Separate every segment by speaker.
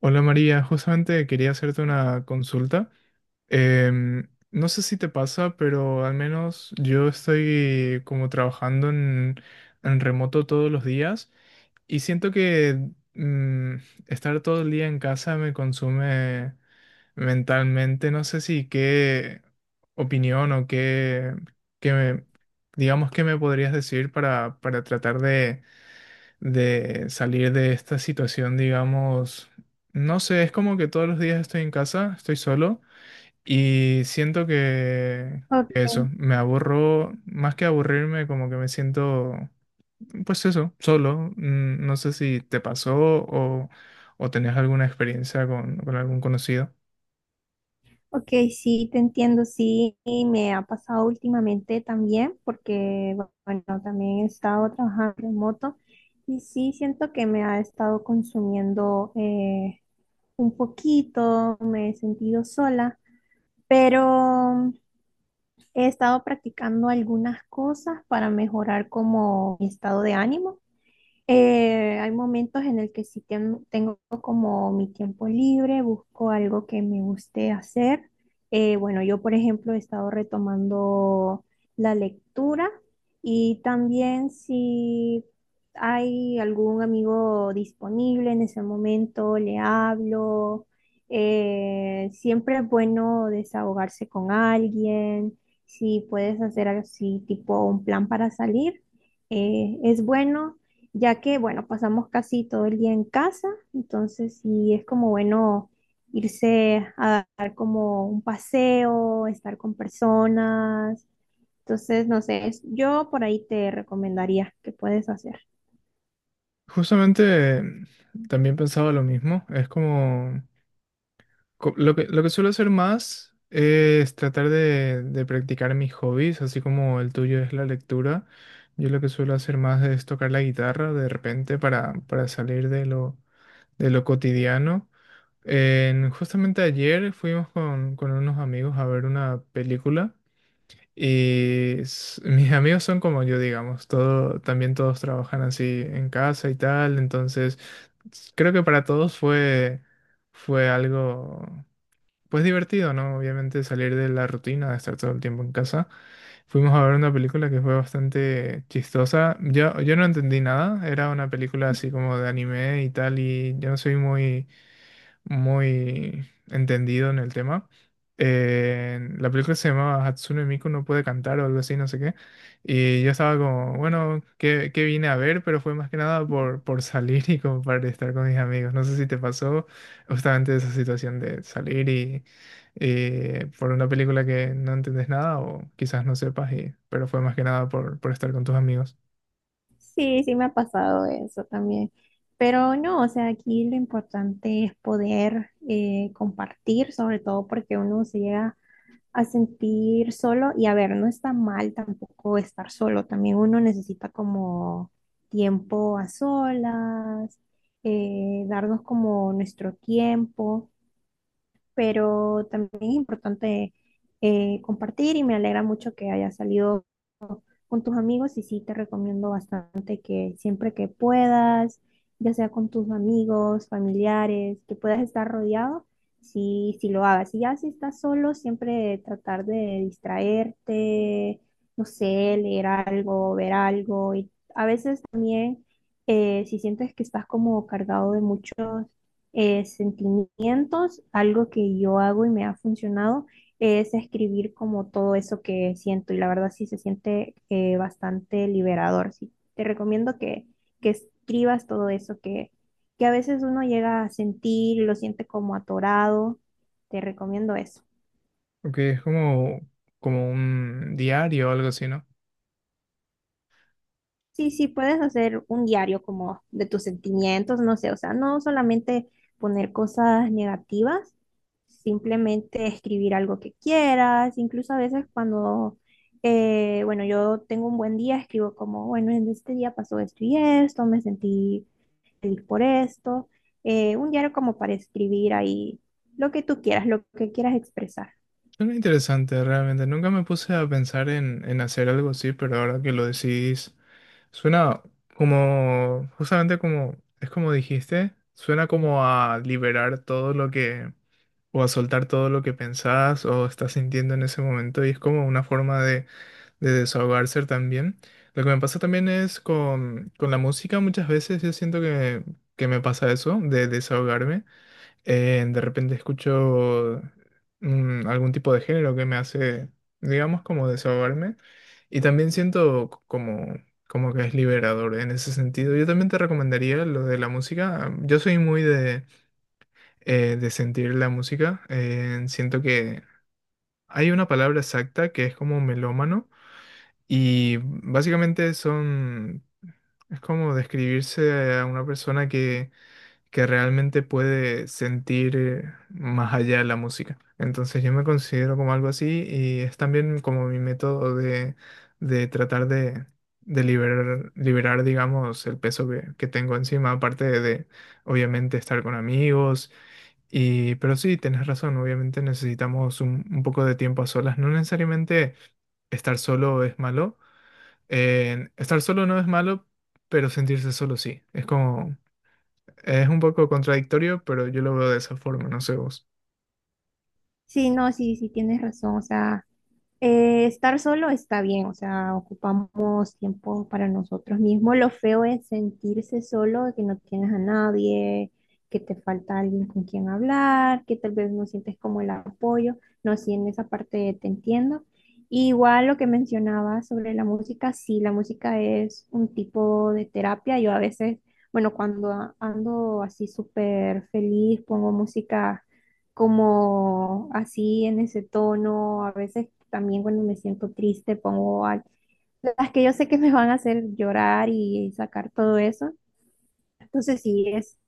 Speaker 1: Hola María, justamente quería hacerte una consulta. No sé si te pasa, pero al menos yo estoy como trabajando en remoto todos los días y siento que mm, estar todo el día en casa me consume mentalmente. No sé si qué opinión o qué me- digamos, qué me podrías decir para tratar de salir de esta situación, digamos, no sé, es como que todos los días estoy en casa, estoy solo y siento que eso,
Speaker 2: Ok,
Speaker 1: me aburro, más que aburrirme, como que me siento, pues eso, solo. No sé si te pasó o tenés alguna experiencia con algún conocido.
Speaker 2: ok, sí, te entiendo, sí, y me ha pasado últimamente también, porque, bueno, también he estado trabajando remoto y sí siento que me ha estado consumiendo un poquito, me he sentido sola, pero he estado practicando algunas cosas para mejorar como mi estado de ánimo. Hay momentos en el que sí tengo como mi tiempo libre, busco algo que me guste hacer. Bueno, yo por ejemplo he estado retomando la lectura y también si hay algún amigo disponible en ese momento, le hablo. Siempre es bueno desahogarse con alguien. Si puedes hacer así tipo un plan para salir es bueno ya que, bueno, pasamos casi todo el día en casa, entonces sí es como bueno irse a dar como un paseo, estar con personas. Entonces, no sé, yo por ahí te recomendaría que puedes hacer.
Speaker 1: Justamente también pensaba lo mismo, es como. Lo lo que suelo hacer más es tratar de practicar mis hobbies, así como el tuyo es la lectura. Yo lo que suelo hacer más es tocar la guitarra de repente para salir de de lo cotidiano. Justamente ayer fuimos con unos amigos a ver una película y mis amigos son como yo, digamos, todo, también todos trabajan así en casa y tal, entonces creo que para todos fue algo. Pues divertido, ¿no? Obviamente salir de la rutina de estar todo el tiempo en casa. Fuimos a ver una película que fue bastante chistosa. Yo no entendí nada, era una película así como de anime y tal, y yo no soy muy muy entendido en el tema. La película se llamaba Hatsune Miku no puede cantar o algo así, no sé qué. Y yo estaba como, bueno, ¿ qué vine a ver? Pero fue más que nada por salir y como para estar con mis amigos. No sé si te pasó justamente esa situación de salir y por una película que no entendés nada o quizás no sepas, y, pero fue más que nada por estar con tus amigos.
Speaker 2: Sí, sí me ha pasado eso también. Pero no, o sea, aquí lo importante es poder compartir, sobre todo porque uno se llega a sentir solo y a ver, no está mal tampoco estar solo, también uno necesita como tiempo a solas, darnos como nuestro tiempo, pero también es importante compartir y me alegra mucho que haya salido con tus amigos y sí te recomiendo bastante que siempre que puedas, ya sea con tus amigos, familiares, que puedas estar rodeado, sí, sí lo hagas. Y ya si estás solo, siempre tratar de distraerte, no sé, leer algo, ver algo. Y a veces también, si sientes que estás como cargado de muchos sentimientos, algo que yo hago y me ha funcionado es escribir como todo eso que siento y la verdad sí se siente bastante liberador. Sí, te recomiendo que escribas todo eso que a veces uno llega a sentir y lo siente como atorado. Te recomiendo eso.
Speaker 1: Porque es como, como un diario o algo así, ¿no?
Speaker 2: Sí, sí, puedes hacer un diario como de tus sentimientos, no sé, o sea, no solamente poner cosas negativas, simplemente escribir algo que quieras, incluso a veces cuando, bueno, yo tengo un buen día, escribo como, bueno, en este día pasó esto y esto, me sentí feliz por esto, un diario como para escribir ahí lo que tú quieras, lo que quieras expresar.
Speaker 1: Suena interesante, realmente. Nunca me puse a pensar en hacer algo así, pero ahora que lo decís, suena como, justamente como, es como dijiste, suena como a liberar todo lo o a soltar todo lo que pensás o estás sintiendo en ese momento, y es como una forma de desahogarse también. Lo que me pasa también es con la música, muchas veces yo siento que me pasa eso, de desahogarme. De repente escucho algún tipo de género que me hace, digamos, como desahogarme. Y también siento como, como que es liberador en ese sentido. Yo también te recomendaría lo de la música. Yo soy muy de sentir la música. Siento que hay una palabra exacta que es como melómano. Y básicamente son... Es como describirse a una persona que realmente puede sentir más allá de la música. Entonces yo me considero como algo así y es también como mi método de tratar de liberar, liberar, digamos, el peso que tengo encima, aparte obviamente, estar con amigos. Y, pero sí, tenés razón, obviamente necesitamos un poco de tiempo a solas. No necesariamente estar solo es malo. Estar solo no es malo, pero sentirse solo sí. Es como es un poco contradictorio, pero yo lo veo de esa forma, no sé vos.
Speaker 2: Sí, no, sí, sí, tienes razón. O sea, estar solo está bien, o sea, ocupamos tiempo para nosotros mismos. Lo feo es sentirse solo, que no tienes a nadie, que te falta alguien con quien hablar, que tal vez no sientes como el apoyo. No, sí, en esa parte te entiendo. Igual lo que mencionabas sobre la música, sí, la música es un tipo de terapia. Yo a veces, bueno, cuando ando así súper feliz, pongo música como así en ese tono. A veces también cuando me siento triste pongo las que yo sé que me van a hacer llorar y sacar todo eso. Entonces sí, es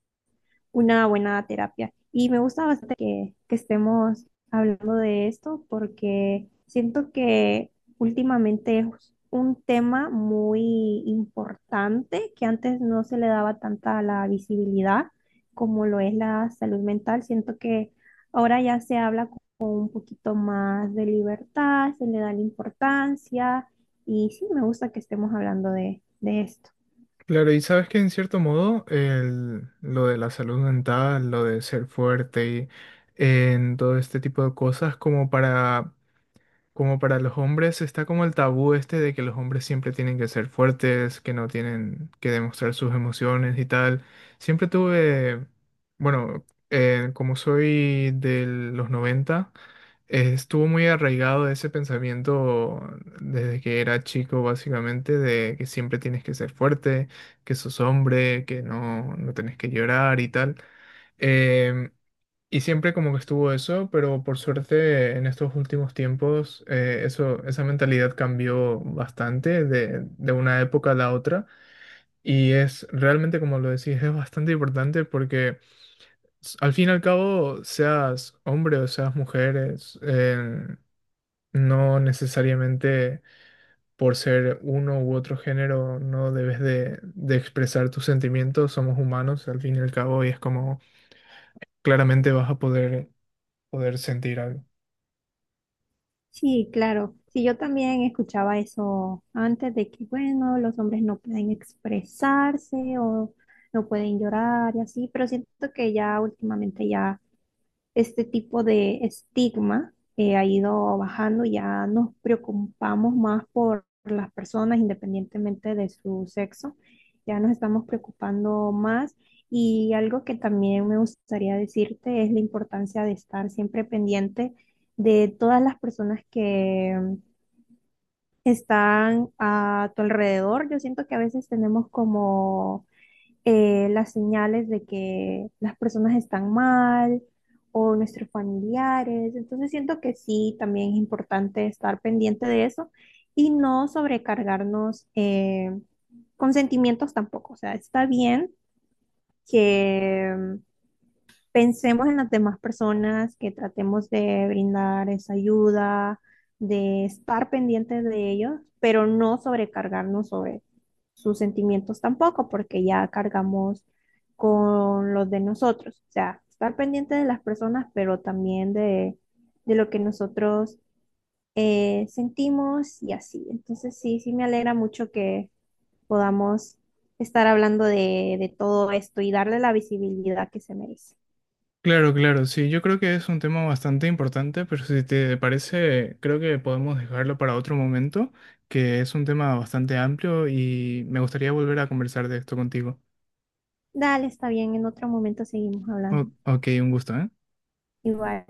Speaker 2: una buena terapia. Y me gusta bastante que estemos hablando de esto porque siento que últimamente es un tema muy importante que antes no se le daba tanta la visibilidad como lo es la salud mental. Siento que ahora ya se habla con un poquito más de libertad, se le da la importancia y sí, me gusta que estemos hablando de esto.
Speaker 1: Claro, y sabes que en cierto modo lo de la salud mental, lo de ser fuerte y en todo este tipo de cosas, como como para los hombres, está como el tabú este de que los hombres siempre tienen que ser fuertes, que no tienen que demostrar sus emociones y tal. Siempre tuve, bueno, como soy de los 90 estuvo muy arraigado ese pensamiento desde que era chico, básicamente, de que siempre tienes que ser fuerte, que sos hombre, que no, no tenés que llorar y tal. Em, y siempre como que estuvo eso, pero por suerte en estos últimos tiempos eso, esa mentalidad cambió bastante de una época a la otra. Y es realmente, como lo decís, es bastante importante porque al fin y al cabo, seas hombre o seas mujer, es, no necesariamente por ser uno u otro género no debes de expresar tus sentimientos, somos humanos al fin y al cabo y es como claramente vas a poder, poder sentir algo.
Speaker 2: Sí, claro. Sí, yo también escuchaba eso antes de que, bueno, los hombres no pueden expresarse o no pueden llorar y así, pero siento que ya últimamente ya este tipo de estigma ha ido bajando, ya nos preocupamos más por las personas independientemente de su sexo, ya nos estamos preocupando más y algo que también me gustaría decirte es la importancia de estar siempre pendiente de todas las personas que están a tu alrededor. Yo siento que a veces tenemos como las señales de que las personas están mal o nuestros familiares. Entonces siento que sí, también es importante estar pendiente de eso y no sobrecargarnos con sentimientos tampoco. O sea, está bien que pensemos en las demás personas, que tratemos de brindar esa ayuda, de estar pendientes de ellos, pero no sobrecargarnos sobre sus sentimientos tampoco, porque ya cargamos con los de nosotros. O sea, estar pendiente de las personas, pero también de lo que nosotros sentimos y así. Entonces, sí, sí me alegra mucho que podamos estar hablando de todo esto y darle la visibilidad que se merece.
Speaker 1: Claro, claro, sí, yo creo que es un tema bastante importante, pero si te parece, creo que podemos dejarlo para otro momento, que es un tema bastante amplio y me gustaría volver a conversar de esto contigo.
Speaker 2: Dale, está bien, en otro momento seguimos hablando.
Speaker 1: Ok, un gusto, ¿eh?
Speaker 2: Igual.